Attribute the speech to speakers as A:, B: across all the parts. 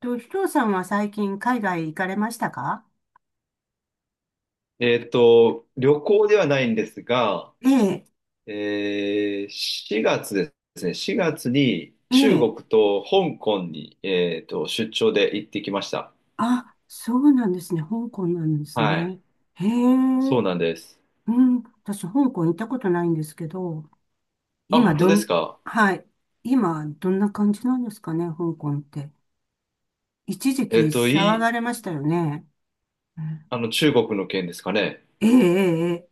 A: ひとさんは最近海外行かれましたか？
B: 旅行ではないんですが、
A: ええ。
B: 4月ですね、4月に
A: え
B: 中国
A: え。
B: と香港に、出張で行ってきました。
A: あ、そうなんですね。香港なんです
B: はい。
A: ね。へえ。
B: そうなんです。
A: うん。私、香港行ったことないんですけど、
B: あ、
A: 今、
B: 本当
A: ど
B: です
A: ん、
B: か？
A: はい。今、どんな感じなんですかね、香港って。一時
B: え
A: 期
B: っと、い
A: 騒が
B: い、
A: れましたよね。うん。
B: あの、中国の件ですかね。
A: ええ。ええ。ええ。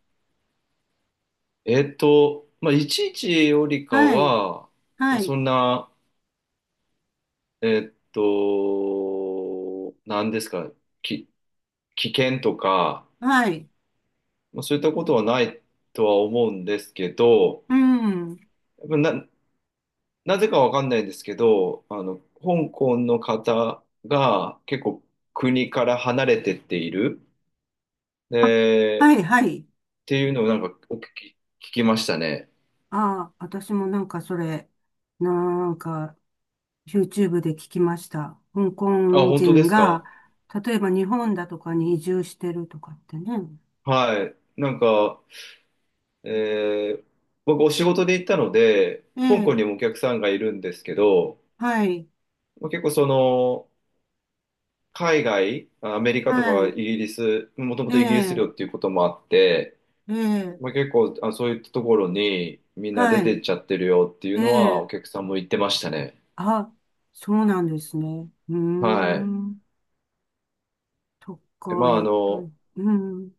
B: まあ、いちいちよりか
A: はい。
B: は、まあ、
A: は
B: そ
A: い。
B: んな、なんですか、き、危険とか、
A: はい。
B: まあ、そういったことはないとは思うんですけど、
A: うん。
B: な、なぜかわかんないんですけど、香港の方が結構国から離れてっている。
A: あ、
B: で、
A: は
B: っ
A: い、はい。
B: ていうのをなんかお聞き、聞きましたね。
A: ああ、私もなんかそれ、なんか、YouTube で聞きました。香
B: あ、
A: 港
B: 本当で
A: 人
B: す
A: が、
B: か？
A: 例えば日本だとかに移住してるとかってね。
B: はい。なんか、えー僕お仕事で行ったので、
A: え
B: 香港
A: え。
B: にもお客さんがいるんですけど、
A: はい。
B: まあ結構海外、アメリカと
A: は
B: かイ
A: い。
B: ギリス、もとも
A: え
B: とイギリス領
A: え。
B: っていうこともあって、
A: ええ。
B: まあ、結構、あ、そういったところにみんな出
A: は
B: てっ
A: い。
B: ちゃってるよっていう
A: え
B: のはお
A: え。
B: 客さんも言ってましたね。
A: あ、そうなんですね。うー
B: はい。
A: ん、と
B: でま
A: か、
B: あ、
A: やっぱり、うん、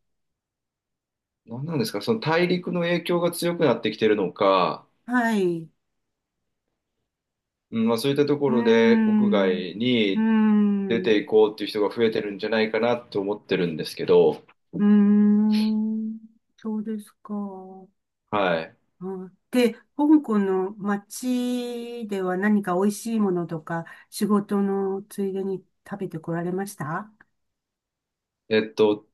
B: 何なんですか、その大陸の影響が強くなってきてるのか、
A: はい、う
B: うん、まあ、そういったとこ
A: ー
B: ろで国
A: ん、う
B: 外
A: ー
B: に出て
A: ん、
B: いこうっていう人が増えてるんじゃないかなと思ってるんですけど、
A: うーん、そうですか。
B: はい。
A: うん。で、香港の街では何か美味しいものとか、仕事のついでに食べてこられました？
B: えっと、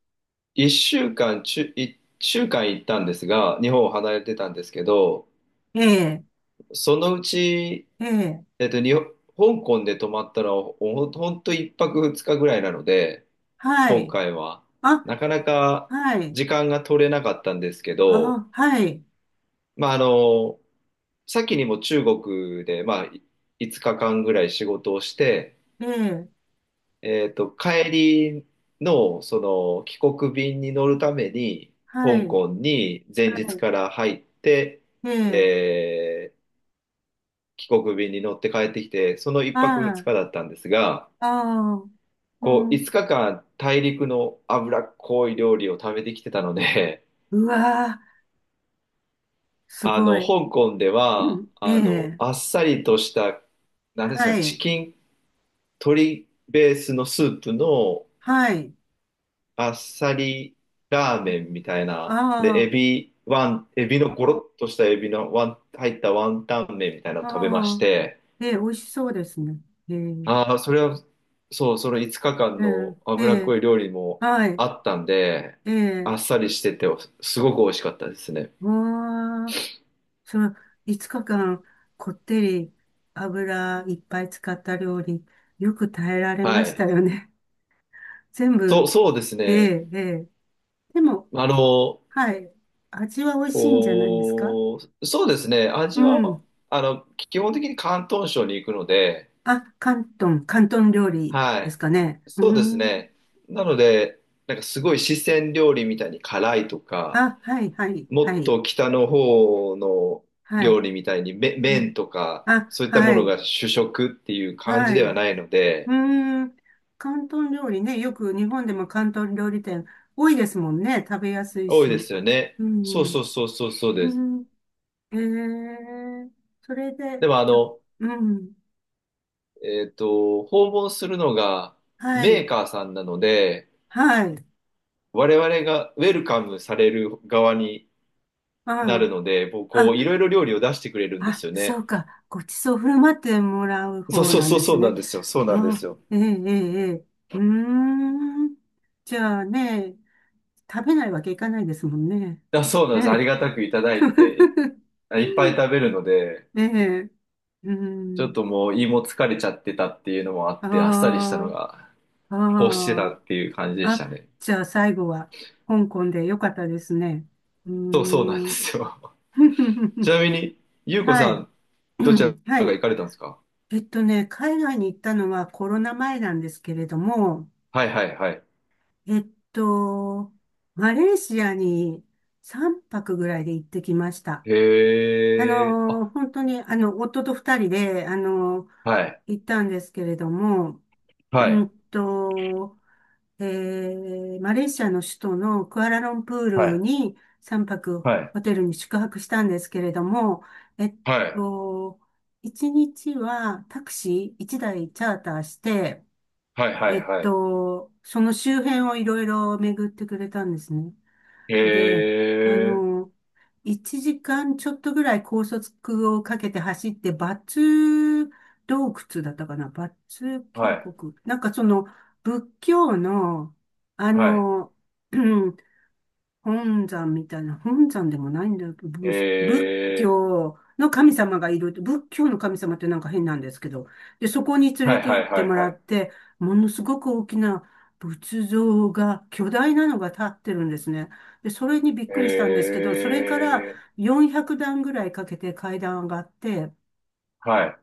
B: 1週間、ちゅ、1週間行ったんですが、日本を離れてたんですけど、
A: ええ。
B: そのうち
A: ええ。
B: 日本香港で泊まったら、ほんと1泊2日ぐらいなので、
A: は
B: 今
A: い。
B: 回は、
A: あ、
B: なかなか
A: はい。
B: 時間が取れなかったんですけど、
A: あ、はい。
B: まあ、先にも中国で、まあ、5日間ぐらい仕事をして、
A: ええ。
B: 帰りの、その、帰国便に乗るために、
A: は
B: 香
A: い。
B: 港に前日から入って、
A: ええ。
B: えー帰国便に乗って帰ってきて、その1泊2
A: あ
B: 日だったんですが、
A: あ。ああ。う
B: 5
A: ん。
B: 日間大陸の脂っこい料理を食べてきてたので、
A: うわー。すごい。
B: 香港で
A: う
B: は、
A: ん。ええ。
B: あっさりとした、なんですか、
A: は
B: チ
A: い。
B: キン、鶏ベースのスープの
A: はい。
B: あっさりラーメンみたいな、で、
A: あ
B: エビ、エビのゴロッとしたエビの入ったワンタン麺みたいな
A: あ。
B: のを食べま
A: あ
B: し
A: あ。
B: て、
A: ええ、美味しそうですね。ええ。
B: ああ、それは、そう、その5日間
A: う
B: の
A: ん。え
B: 脂っ
A: え。
B: こい料理も
A: はい。
B: あったんで、
A: え
B: あ
A: え。
B: っさりしてて、すごく美味しかったですね。
A: わあ、その5日間こってり油いっぱい使った料理、よく耐えられ
B: は
A: ました
B: い。
A: よね。全
B: そ
A: 部、
B: う、そうです
A: え
B: ね。
A: え、ええ。でも、
B: あの、
A: はい、味は美味しいんじゃないですか？
B: こそうですね。
A: う
B: 味は、
A: ん。
B: 基本的に広東省に行くので、
A: あ、広東、広東料理
B: は
A: ですかね。
B: い。
A: う
B: そうです
A: ーん。
B: ね。なので、なんかすごい四川料理みたいに辛いとか、
A: あ、はい、はい、
B: も
A: は
B: っ
A: い、
B: と北の方の
A: は
B: 料
A: い。
B: 理みたいに
A: う
B: 麺
A: ん。
B: とか
A: あ、
B: そういったも
A: は
B: の
A: い、
B: が主食っていう感
A: は
B: じ
A: い。
B: では
A: う
B: ないので
A: ーん。広東料理ね。よく日本でも広東料理店多いですもんね。食べやすい
B: 多いで
A: し。
B: すよね。
A: う
B: そう
A: ん。
B: そうそうそうそう
A: う
B: です。
A: ん。えー、それ
B: で
A: で、
B: も
A: うん。
B: 訪問するのが
A: は
B: メー
A: い。
B: カーさんなので
A: はい。
B: 我々がウェルカムされる側になる
A: あ
B: のでもう
A: あ。
B: こ
A: あ、
B: ういろいろ料理を出してくれるんです
A: あ、
B: よ
A: そ
B: ね。
A: うか。ごちそう振る舞ってもらう
B: そう
A: 方
B: そう
A: なん
B: そう
A: で
B: そ
A: す
B: うな
A: ね。
B: んですよ。そうなんで
A: あ
B: す
A: あ、
B: よ。
A: ええ、ええ、ええ。うーん。じゃあね、食べないわけいかないですもんね。
B: あ、そうなんです。あり
A: ね。
B: がたくいただいていっぱい食べるので。
A: ええ、う
B: ちょっと
A: ん。
B: もう胃も疲れちゃってたっていうのもあって、あっさりしたの
A: あ
B: が
A: あ。
B: 欲してた
A: あ
B: っていう感じで
A: あ。
B: した
A: あ、
B: ね。
A: じゃあ最後は香港でよかったですね。うー
B: そうそうなんで
A: ん。
B: すよ。ち なみに、ゆうこ
A: は
B: さ
A: い。
B: ん、
A: う
B: どちら
A: ん。は
B: が
A: い。
B: 行かれたんですか？
A: 海外に行ったのはコロナ前なんですけれども、
B: はいはいはい。
A: えっと、マレーシアに3泊ぐらいで行ってきました。
B: へえ、あ、
A: 本当に、夫と2人で、
B: はい、
A: 行ったんですけれども、
B: は
A: う
B: い、
A: んと、マレーシアの首都のクアラルンプー
B: は
A: ル
B: い、
A: に3泊
B: はい、
A: ホテルに宿泊したんですけれども、えっ
B: はい、
A: と、1日はタクシー1台チャーターして、
B: はい、はい、はい。
A: その周辺をいろいろ巡ってくれたんですね。
B: へ
A: で、あ
B: え、
A: の、1時間ちょっとぐらい高速をかけて走って、バツ洞窟だったかな、バツ
B: は
A: 渓
B: い、
A: 谷。なんかその、仏教の、あ
B: はい、
A: の、本山みたいな、本山でもないんだよ。
B: へ
A: 仏
B: え、
A: 教の神様がいる。仏教の神様ってなんか変なんですけど。で、そこに連
B: は
A: れ
B: い、
A: て
B: は
A: 行っ
B: い、
A: て
B: はい、
A: もら
B: はい。
A: って、ものすごく大きな仏像が、巨大なのが立ってるんですね。で、それにびっ
B: へ
A: くりしたんですけど、それから
B: え、
A: 400段ぐらいかけて階段上がって、
B: はい、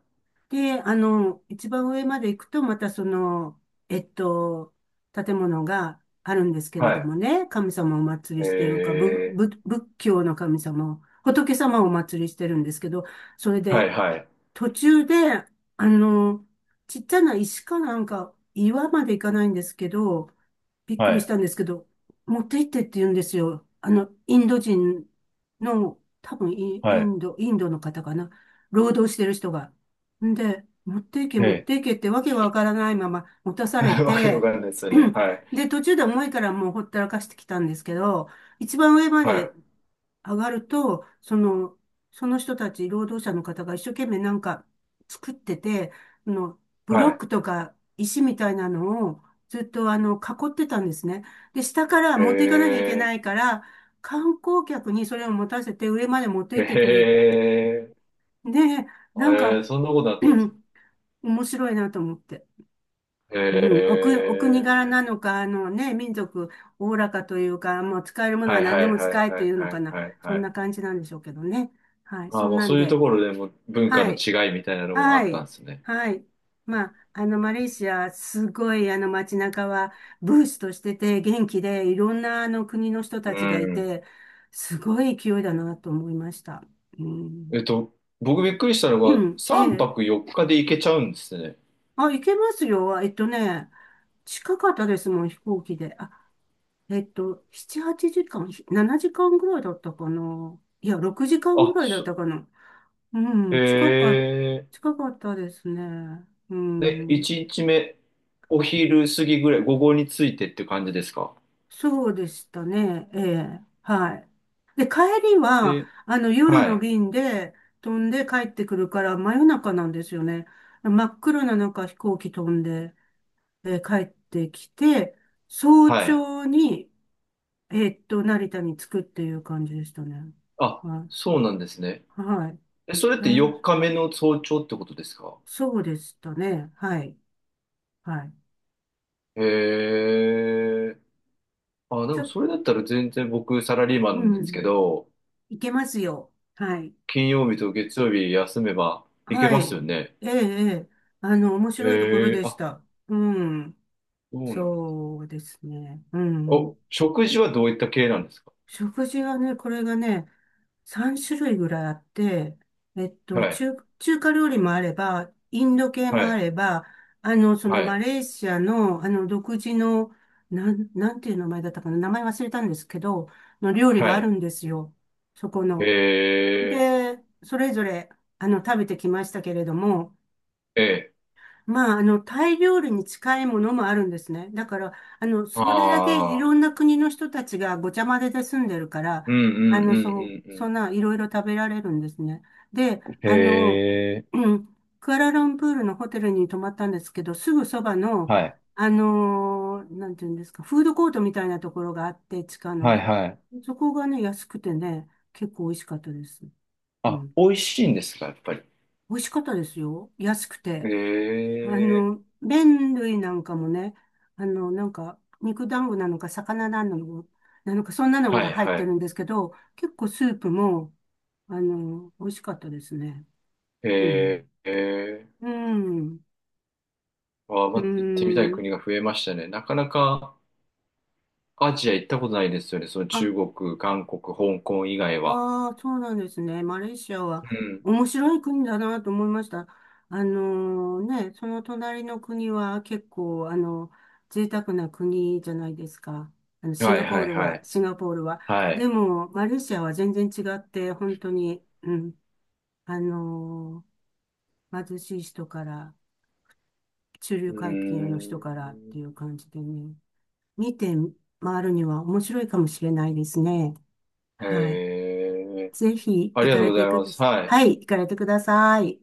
A: で、一番上まで行くと、またその、えっと、建物があるんですけれ
B: は
A: ど
B: い、
A: もね、神様をお祭り
B: へ
A: してるか、
B: え、
A: 仏教の神様を、仏様をお祭りしてるんですけど、それ
B: はい、
A: で、
B: はい、
A: 途中で、あの、ちっちゃな石かなんか、岩まで行かないんですけど、びっ
B: は
A: くりし
B: い、
A: たんですけど、持って行ってって言うんですよ。インド人の、多分イ
B: は
A: イ
B: い。
A: ンド、インドの方かな。労働してる人が。んで、持って行け、
B: へ
A: 持っ
B: え
A: て行けってわけがわからないまま持たされ
B: わけわ
A: て、
B: かんないですよね。はい。
A: で、途中で重いからもうほったらかしてきたんですけど、一番上ま
B: はい。
A: で上がると、その、人たち、労働者の方が一生懸命なんか作ってて、あの、ブ
B: は
A: ロッ
B: い。
A: クとか石みたいなのをずっと囲ってたんですね。で、下から
B: へ
A: 持っていかなきゃいけな
B: え。
A: いから、観光客にそれを持たせて上まで持って
B: へ
A: 行ってくれ。
B: え。
A: で、なん
B: へえ、
A: か、
B: そんなことなってるんですか？
A: 面白いなと思って。
B: へ
A: うん、お国柄
B: え。
A: なのか、あのね、民族、おおらかというか、もう使えるもの
B: は
A: は
B: い
A: 何
B: は
A: で
B: い
A: も
B: は
A: 使
B: い
A: えって
B: は
A: い
B: い
A: うの
B: は
A: か
B: い
A: な。
B: はい
A: そ
B: は
A: ん
B: い。
A: な感じなんでしょうけどね。はい、
B: ああ、
A: そん
B: もう
A: なん
B: そういうと
A: で。
B: ころでも文化
A: は
B: の
A: い、
B: 違いみたいなのもあ
A: は
B: ったん
A: い、
B: ですね。
A: はい。まあ、マレーシア、すごい、街中は、ブースとしてて、元気で、いろんな、国の人
B: う
A: たちがい
B: ん。
A: て、すごい勢いだなと思いました。う
B: え
A: ん。
B: っと、僕びっくりしたの
A: う
B: が、
A: ん。え
B: 3
A: え。
B: 泊4日で行けちゃうんですね。
A: あ、行けますよ。近かったですもん、飛行機で。あ、7、8時間、7時間ぐらいだったかな。いや、6時間ぐ
B: あ、
A: らいだったかな。う
B: へ
A: ん、近か、
B: え。
A: 近かったですね。う
B: で、
A: ん、
B: 1日目、お昼過ぎぐらい、午後についてって感じですか？
A: そうでしたね。ええ、はい。で、帰りは、
B: で、
A: 夜
B: は
A: の
B: い。
A: 便で飛んで帰ってくるから、真夜中なんですよね。真っ暗な中、飛行機飛んで、帰ってきて、早
B: はい。
A: 朝に、成田に着くっていう感じでしたね。
B: あ、
A: はい。
B: そうなんですね。
A: はい。
B: え、それっ
A: え
B: て
A: ー
B: 4日目の早朝ってことですか？
A: そうでしたね。はい。はい。
B: へえ。あ、で
A: ち
B: も
A: ょ、
B: それだったら全然僕サラリーマ
A: う
B: ンなんですけ
A: ん。
B: ど、
A: いけますよ。はい。
B: 金曜日と月曜日休めばいけ
A: は
B: ますよ
A: い。
B: ね。
A: ええ、ええ。面白いところ
B: へえ、
A: でし
B: あ、
A: た。うん。
B: そうなんです。
A: そうですね。うん。
B: 食事はどういった系なんですか？
A: 食事はね、これがね、3種類ぐらいあって、
B: はい、
A: 中華料理もあれば、インド系
B: は
A: もあ
B: い、
A: れば、そ
B: は
A: のマ
B: い、
A: レーシアの、独自の、なんていう名前だったかな、名前忘れたんですけど、の料理
B: は
A: がある
B: い。
A: んですよ。そこ
B: へ
A: の。
B: え、
A: で、それぞれ、食べてきましたけれども、
B: ええ、
A: まあ、タイ料理に近いものもあるんですね。だから、それだけい
B: あ
A: ろ
B: あ、
A: んな国の人たちがごちゃ混ぜで住んでるから、
B: うんうんう
A: そ、
B: んう
A: そん
B: ん
A: ないろいろ食べられるんですね。で、
B: うん。へえ、
A: うん、クアラルンプールのホテルに泊まったんですけど、すぐそばの、
B: はい、
A: なんていうんですか、フードコートみたいなところがあって、地下
B: はい、
A: の。
B: はい。
A: そこがね、安くてね、結構美味しかったです。う
B: あ、
A: ん。
B: 美味しいんですか、やっぱり。
A: 美味しかったですよ。安くて。
B: ええ
A: 麺類なんかもね、なんか、肉団子なのか、魚なのか、そんなの
B: は
A: が
B: い
A: 入っ
B: は
A: て
B: い。
A: るんですけど、結構スープも、美味しかったですね。う
B: え
A: ん。
B: ー、え
A: うん。う
B: ま、行ってみたい
A: ん。
B: 国が増えましたね。なかなかアジア行ったことないですよね。その
A: あ、
B: 中国、韓国、香港以外は。
A: ああ、そうなんですね。マレーシアは
B: うん。
A: 面白い国だなと思いました。その隣の国は結構、贅沢な国じゃないですか。シン
B: は
A: ガ
B: い
A: ポー
B: はい
A: ル
B: は
A: は、
B: い。
A: シンガポールは。
B: は
A: で
B: い。
A: も、マレーシアは全然違って、本当に、うん、あの貧しい人から、中
B: う
A: 流
B: ー
A: 階級の人からって
B: ん。
A: いう感じでね、見て回るには面白いかもしれないですね。
B: え
A: はい。
B: え
A: ぜひ
B: あ
A: 行
B: りが
A: か
B: とう
A: れ
B: ご
A: て
B: ざい
A: く
B: ま
A: だ
B: す。
A: さい。
B: はい。
A: はい、行かれてください。